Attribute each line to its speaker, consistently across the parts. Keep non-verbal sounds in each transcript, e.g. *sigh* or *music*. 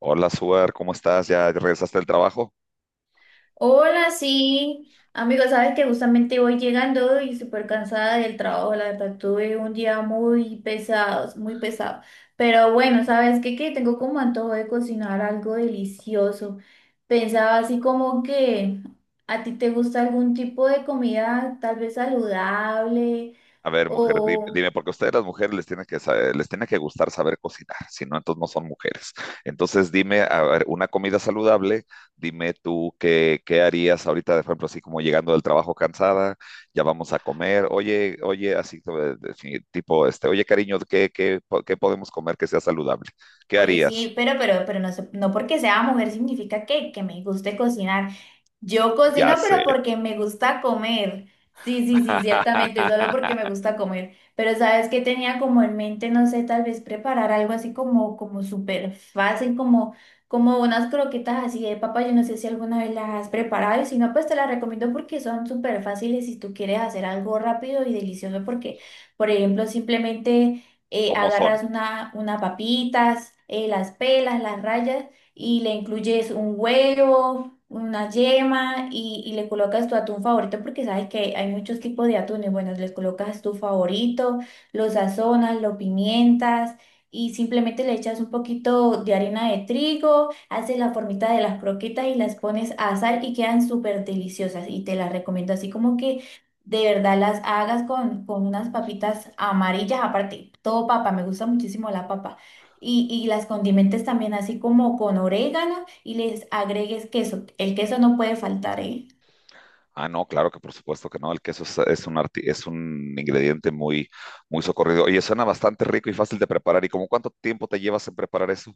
Speaker 1: Hola, Suar, ¿cómo estás? ¿Ya regresaste del trabajo?
Speaker 2: Hola, sí. Amigo, sabes que justamente voy llegando y súper cansada del trabajo. La verdad, tuve un día muy pesado, muy pesado. Pero bueno, ¿sabes qué? Que tengo como antojo de cocinar algo delicioso. Pensaba así como que a ti te gusta algún tipo de comida tal vez saludable
Speaker 1: A ver, mujer, dime,
Speaker 2: o...
Speaker 1: dime, porque a ustedes las mujeres les tiene que les tiene que gustar saber cocinar, si no, entonces no son mujeres. Entonces, dime, a ver, una comida saludable, dime tú qué harías ahorita, por ejemplo, así como llegando del trabajo cansada, ya vamos a comer, oye, así sí, tipo, este, oye, cariño, ¿qué podemos comer que sea saludable? ¿Qué
Speaker 2: Oye,
Speaker 1: harías?
Speaker 2: sí, pero no, no porque sea mujer significa que me guste cocinar. Yo
Speaker 1: Ya
Speaker 2: cocino, pero
Speaker 1: sé.
Speaker 2: porque me gusta comer. Sí, sí, sí, ciertamente, solo
Speaker 1: *laughs*
Speaker 2: porque me gusta comer. Pero sabes que tenía como en mente, no sé, tal vez preparar algo así como, como súper fácil, como, como unas croquetas así de papa. Yo no sé si alguna vez las has preparado y si no, pues te las recomiendo porque son súper fáciles si tú quieres hacer algo rápido y delicioso. Porque, por ejemplo, simplemente
Speaker 1: ¿Cómo son?
Speaker 2: agarras una papitas, las pelas, las rayas y le incluyes un huevo una yema y le colocas tu atún favorito porque sabes que hay muchos tipos de atunes. Bueno, les colocas tu favorito, lo sazonas, lo pimientas y simplemente le echas un poquito de harina de trigo, haces la formita de las croquetas y las pones a asar y quedan súper deliciosas y te las recomiendo así como que de verdad las hagas con unas papitas amarillas, aparte, todo papa, me gusta muchísimo la papa. Y las condimentes también así como con orégano y les agregues queso. El queso no puede faltar, ¿eh?
Speaker 1: Ah, no, claro que por supuesto que no. El queso es un ingrediente muy socorrido. Oye, suena bastante rico y fácil de preparar. ¿Y como cuánto tiempo te llevas en preparar eso?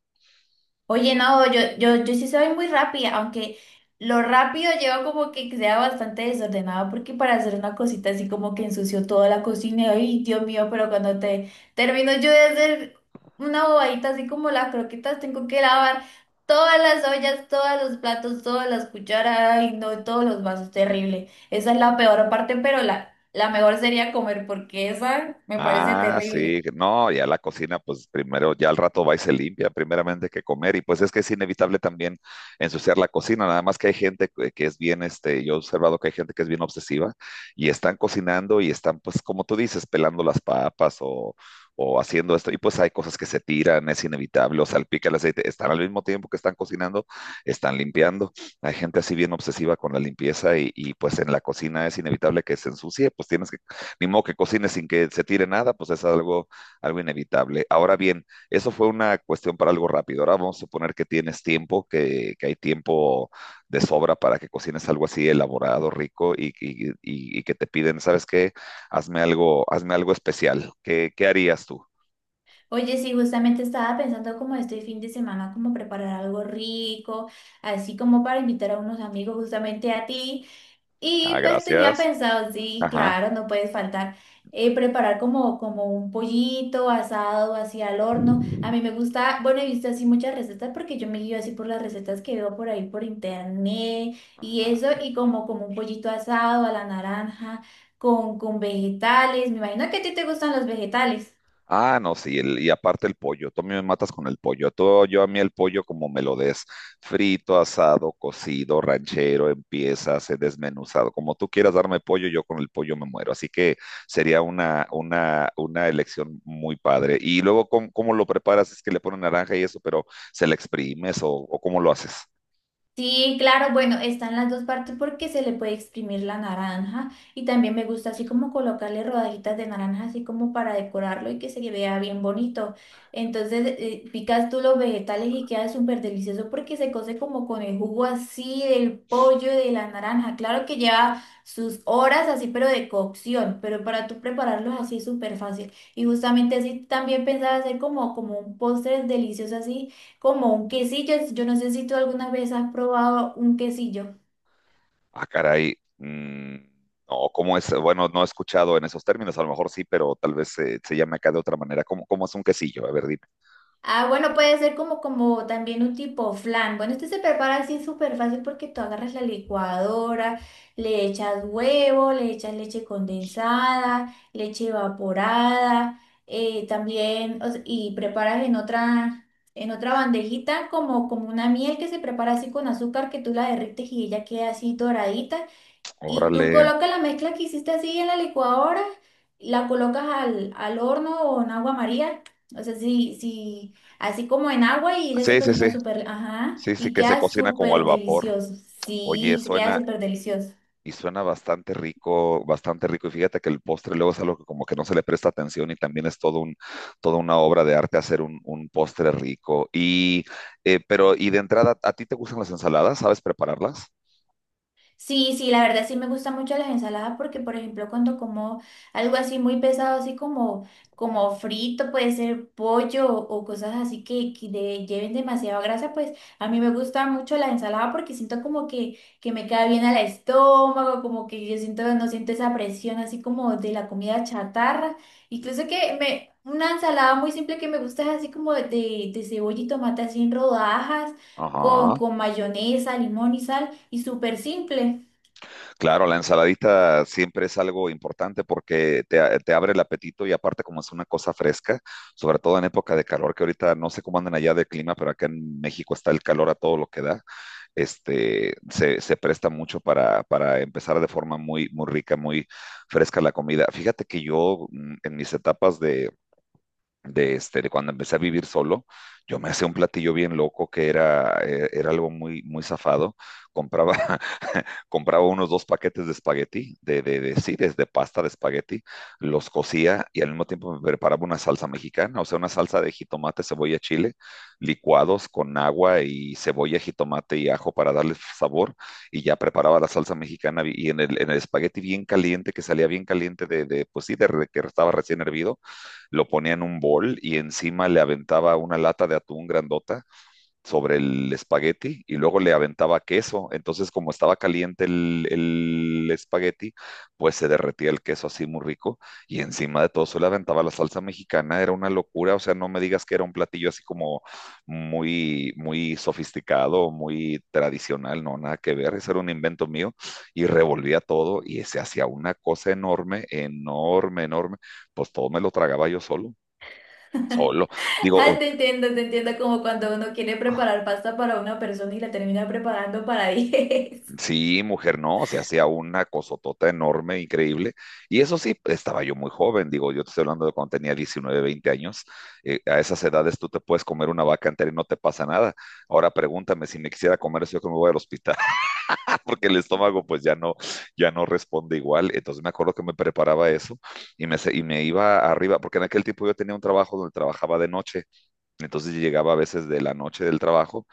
Speaker 2: Oye, no, yo sí soy muy rápida, aunque lo rápido lleva como que sea bastante desordenado, porque para hacer una cosita así como que ensució toda la cocina, y, ay, Dios mío, pero cuando te termino yo de hacer una bobadita así como las croquetas, tengo que lavar todas las ollas, todos los platos, todas las cucharas, ay, no, todos los vasos, terrible. Esa es la peor parte, pero la mejor sería comer, porque esa me parece
Speaker 1: Ah,
Speaker 2: terrible.
Speaker 1: sí, no, ya la cocina, pues primero, ya al rato va y se limpia, primeramente que comer, y pues es que es inevitable también ensuciar la cocina, nada más que hay gente que es bien, este, yo he observado que hay gente que es bien obsesiva y están cocinando y están, pues como tú dices, pelando las papas o haciendo esto, y pues hay cosas que se tiran, es inevitable, o salpica el aceite, están al mismo tiempo que están cocinando, están limpiando, hay gente así bien obsesiva con la limpieza y pues en la cocina es inevitable que se ensucie, pues tienes que ni modo que cocine sin que se tire nada, pues es algo, algo inevitable. Ahora bien, eso fue una cuestión para algo rápido. Ahora vamos a suponer que tienes tiempo, que hay tiempo de sobra para que cocines algo así elaborado, rico y que te piden, ¿sabes qué? Hazme algo especial. ¿Qué, qué harías tú?
Speaker 2: Oye, sí, justamente estaba pensando como este fin de semana, como preparar algo rico, así como para invitar a unos amigos justamente a ti. Y
Speaker 1: Ah,
Speaker 2: pues tenía
Speaker 1: gracias.
Speaker 2: pensado, sí,
Speaker 1: Ajá.
Speaker 2: claro, no puedes faltar, preparar como, como un pollito asado, así al horno. A mí me gusta, bueno, he visto así muchas recetas porque yo me guío así por las recetas que veo por ahí por internet y eso, y como, como un pollito asado a la naranja, con vegetales. Me imagino que a ti te gustan los vegetales.
Speaker 1: Ah, no, sí, el- y aparte el pollo, tú a mí me matas con el pollo, tú, yo a mí el pollo como me lo des, frito, asado, cocido, ranchero, en piezas, desmenuzado, como tú quieras darme pollo, yo con el pollo me muero, así que sería una elección muy padre. Y luego, ¿cómo lo preparas? Es que le ponen naranja y eso, pero ¿se le exprimes o cómo lo haces?
Speaker 2: Sí, claro, bueno, están las dos partes porque se le puede exprimir la naranja y también me gusta así como colocarle rodajitas de naranja así como para decorarlo y que se vea bien bonito. Entonces picas tú los vegetales y queda súper delicioso porque se cose como con el jugo así del pollo y de la naranja. Claro que lleva sus horas así pero de cocción, pero para tú prepararlos así es súper fácil. Y justamente así también pensaba hacer como, como un postre delicioso así como un quesillo, yo no sé si tú alguna vez has probado un quesillo.
Speaker 1: Ah, caray. Mm, no, ¿cómo es? Bueno, no he escuchado en esos términos, a lo mejor sí, pero tal vez se llame acá de otra manera. ¿Cómo es un quesillo? A ver, dime.
Speaker 2: Ah, bueno, puede ser como, como también un tipo flan. Bueno, este se prepara así súper fácil porque tú agarras la licuadora, le echas huevo, le echas leche condensada, leche evaporada, también, o sea, y preparas en otra bandejita como, como una miel que se prepara así con azúcar que tú la derrites y ella queda así doradita. Y tú
Speaker 1: Órale.
Speaker 2: colocas la mezcla que hiciste así en la licuadora, la colocas al, al horno o en agua María. O sea, sí, sí, así como en agua y ella se
Speaker 1: Sí, sí, sí.
Speaker 2: cocina súper, ajá,
Speaker 1: Sí, sí,
Speaker 2: y
Speaker 1: que se
Speaker 2: queda
Speaker 1: cocina como al
Speaker 2: súper
Speaker 1: vapor.
Speaker 2: delicioso.
Speaker 1: Oye,
Speaker 2: Sí, se queda súper delicioso.
Speaker 1: y suena bastante rico, bastante rico. Y fíjate que el postre luego es algo que como que no se le presta atención y también es toda una obra de arte hacer un postre rico. Y, pero, y de entrada, ¿a ti te gustan las ensaladas? ¿Sabes prepararlas?
Speaker 2: Sí, sí, la verdad sí me gustan mucho las ensaladas porque, por ejemplo, cuando como algo así muy pesado, así como, como frito, puede ser pollo o cosas así que lleven demasiada grasa, pues a mí me gusta mucho la ensalada porque siento como que me queda bien al estómago, como que yo siento, no siento esa presión así como de la comida chatarra. Incluso que me, una ensalada muy simple que me gusta es así como de cebolla y tomate así en rodajas,
Speaker 1: Ajá.
Speaker 2: con mayonesa, limón y sal. Y súper simple.
Speaker 1: Claro, la ensaladita siempre es algo importante porque te abre el apetito y aparte como es una cosa fresca, sobre todo en época de calor, que ahorita no sé cómo andan allá de clima, pero acá en México está el calor a todo lo que da, este, se presta mucho para empezar de forma muy rica, muy fresca la comida. Fíjate que yo en mis etapas este, de cuando empecé a vivir solo, yo me hacía un platillo bien loco que era, era algo muy zafado. Compraba compraba unos dos paquetes de espagueti, sí, desde pasta de espagueti, los cocía y al mismo tiempo me preparaba una salsa mexicana, o sea, una salsa de jitomate, cebolla, chile, licuados con agua y cebolla, jitomate y ajo para darle sabor y ya preparaba la salsa mexicana y en en el espagueti bien caliente, que salía bien caliente de pues sí, de que estaba recién hervido, lo ponía en un bol y encima le aventaba una lata de atún grandota sobre el espagueti y luego le aventaba queso. Entonces, como estaba caliente el espagueti, pues se derretía el queso así muy rico y encima de todo se le aventaba la salsa mexicana. Era una locura, o sea, no me digas que era un platillo así como muy sofisticado, muy tradicional, no, nada que ver. Eso era un invento mío y revolvía todo y se hacía una cosa enorme, enorme, enorme. Pues todo me lo tragaba yo solo, solo. Digo,
Speaker 2: Ah, te entiendo como cuando uno quiere preparar pasta para una persona y la termina preparando para *laughs* diez.
Speaker 1: sí, mujer, no, se hacía una cosotota enorme, increíble. Y eso sí, estaba yo muy joven, digo, yo te estoy hablando de cuando tenía 19, 20 años. Eh, a esas edades tú te puedes comer una vaca entera y no te pasa nada. Ahora pregúntame si me quisiera comer eso, yo que me voy al hospital, *laughs* porque el estómago pues ya no, ya no responde igual. Entonces me acuerdo que me preparaba eso y me iba arriba, porque en aquel tiempo yo tenía un trabajo donde trabajaba de noche. Entonces yo llegaba a veces de la noche del trabajo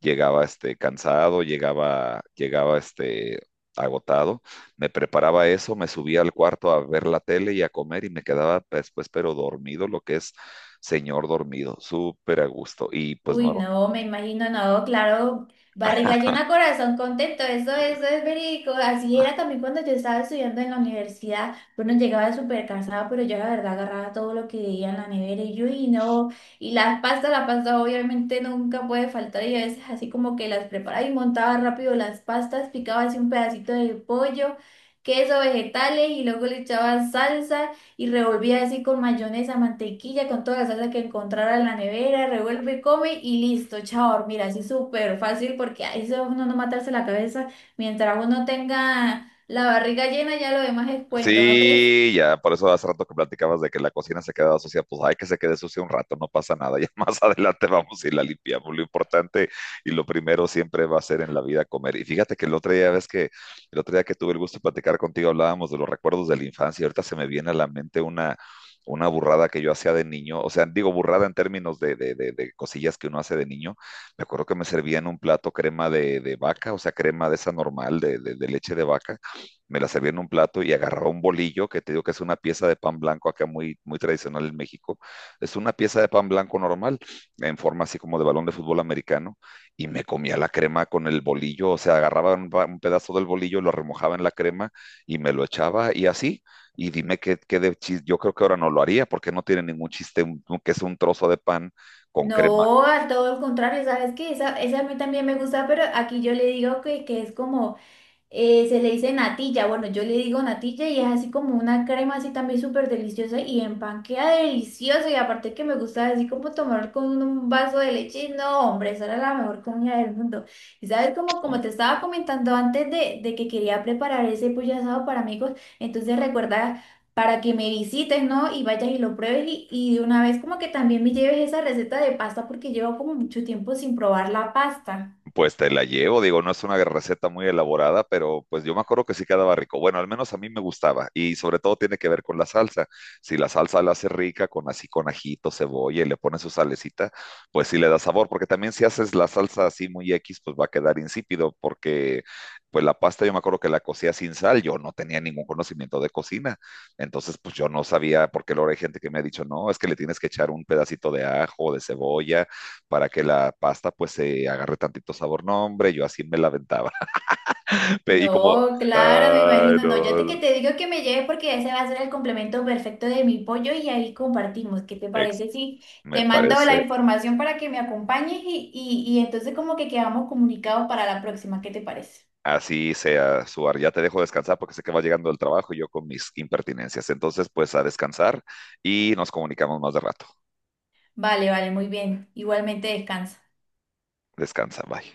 Speaker 1: llegaba este, cansado, llegaba este, agotado, me preparaba eso, me subía al cuarto a ver la tele y a comer y me quedaba después, pero dormido, lo que es señor dormido, súper a gusto. Y pues
Speaker 2: Uy,
Speaker 1: no,
Speaker 2: no, me imagino, no, claro, barriga llena, corazón contento, eso es verídico. Así era también cuando yo estaba estudiando en la universidad. Bueno, llegaba súper cansada, pero yo la verdad agarraba todo lo que veía en la nevera y yo, y no, y las pastas, la pasta obviamente nunca puede faltar y a veces así como que las preparaba y montaba rápido las pastas, picaba así un pedacito de pollo, queso, vegetales y luego le echaba salsa y revolvía así con mayonesa, mantequilla, con toda la salsa que encontrara en la nevera, revuelve, come y listo, chao, a dormir, así súper fácil porque ahí se va uno a no matarse la cabeza, mientras uno tenga la barriga llena ya lo demás es cuento, ¿no crees?
Speaker 1: sí, ya, por eso hace rato que platicabas de que la cocina se quedaba sucia, pues hay que se quede sucia un rato, no pasa nada, ya *laughs* más adelante vamos y la limpiamos. Lo importante y lo primero siempre va a ser en la vida comer. Y fíjate que el otro día, ves que el otro día que tuve el gusto de platicar contigo, hablábamos de los recuerdos de la infancia, y ahorita se me viene a la mente una burrada que yo hacía de niño, o sea, digo burrada en términos de cosillas que uno hace de niño. Me acuerdo que me servían un plato crema de vaca, o sea, crema de esa normal, de leche de vaca me la servía en un plato y agarraba un bolillo, que te digo que es una pieza de pan blanco acá muy tradicional en México. Es una pieza de pan blanco normal, en forma así como de balón de fútbol americano, y me comía la crema con el bolillo, o sea, agarraba un pedazo del bolillo, lo remojaba en la crema y me lo echaba y así. Y dime yo creo que ahora no lo haría porque no tiene ningún chiste que es un trozo de pan con crema.
Speaker 2: No, a todo el contrario, ¿sabes qué? Esa a mí también me gusta, pero aquí yo le digo que es como se le dice natilla, bueno, yo le digo natilla y es así como una crema así también súper deliciosa y en delicioso y aparte que me gusta así como tomar con un vaso de leche, no, hombre, esa era la mejor comida del mundo. Y sabes, como, como te estaba comentando antes de que quería preparar ese pollo asado para amigos, entonces recuerda... para que me visites, ¿no? Y vayas y lo pruebes y de una vez como que también me lleves esa receta de pasta porque llevo como mucho tiempo sin probar la pasta.
Speaker 1: Pues te la llevo, digo, no es una receta muy elaborada, pero pues yo me acuerdo que sí quedaba rico. Bueno, al menos a mí me gustaba y sobre todo tiene que ver con la salsa. Si la salsa la hace rica con así con ajito, cebolla y le pones su salecita, pues sí le da sabor, porque también si haces la salsa así muy X, pues va a quedar insípido, porque pues la pasta yo me acuerdo que la cocía sin sal, yo no tenía ningún conocimiento de cocina, entonces pues yo no sabía, porque luego hay gente que me ha dicho, no, es que le tienes que echar un pedacito de ajo, de cebolla para que la pasta pues se agarre tantito sabor. No, hombre, yo así me la aventaba. *laughs* Pe- Y como,
Speaker 2: No, claro, me
Speaker 1: ay,
Speaker 2: imagino. No, yo te,
Speaker 1: no,
Speaker 2: que te digo que me lleves porque ese va a ser el complemento perfecto de mi pollo y ahí compartimos. ¿Qué te
Speaker 1: ex,
Speaker 2: parece si
Speaker 1: me
Speaker 2: te mando
Speaker 1: parece,
Speaker 2: la información para que me acompañes y, y entonces como que quedamos comunicados para la próxima? ¿Qué te parece?
Speaker 1: así sea, Suar, ya te dejo descansar porque sé que va llegando el trabajo y yo con mis impertinencias. Entonces, pues a descansar y nos comunicamos más de rato.
Speaker 2: Vale, vale, muy bien. Igualmente descansa.
Speaker 1: Descansa, bye.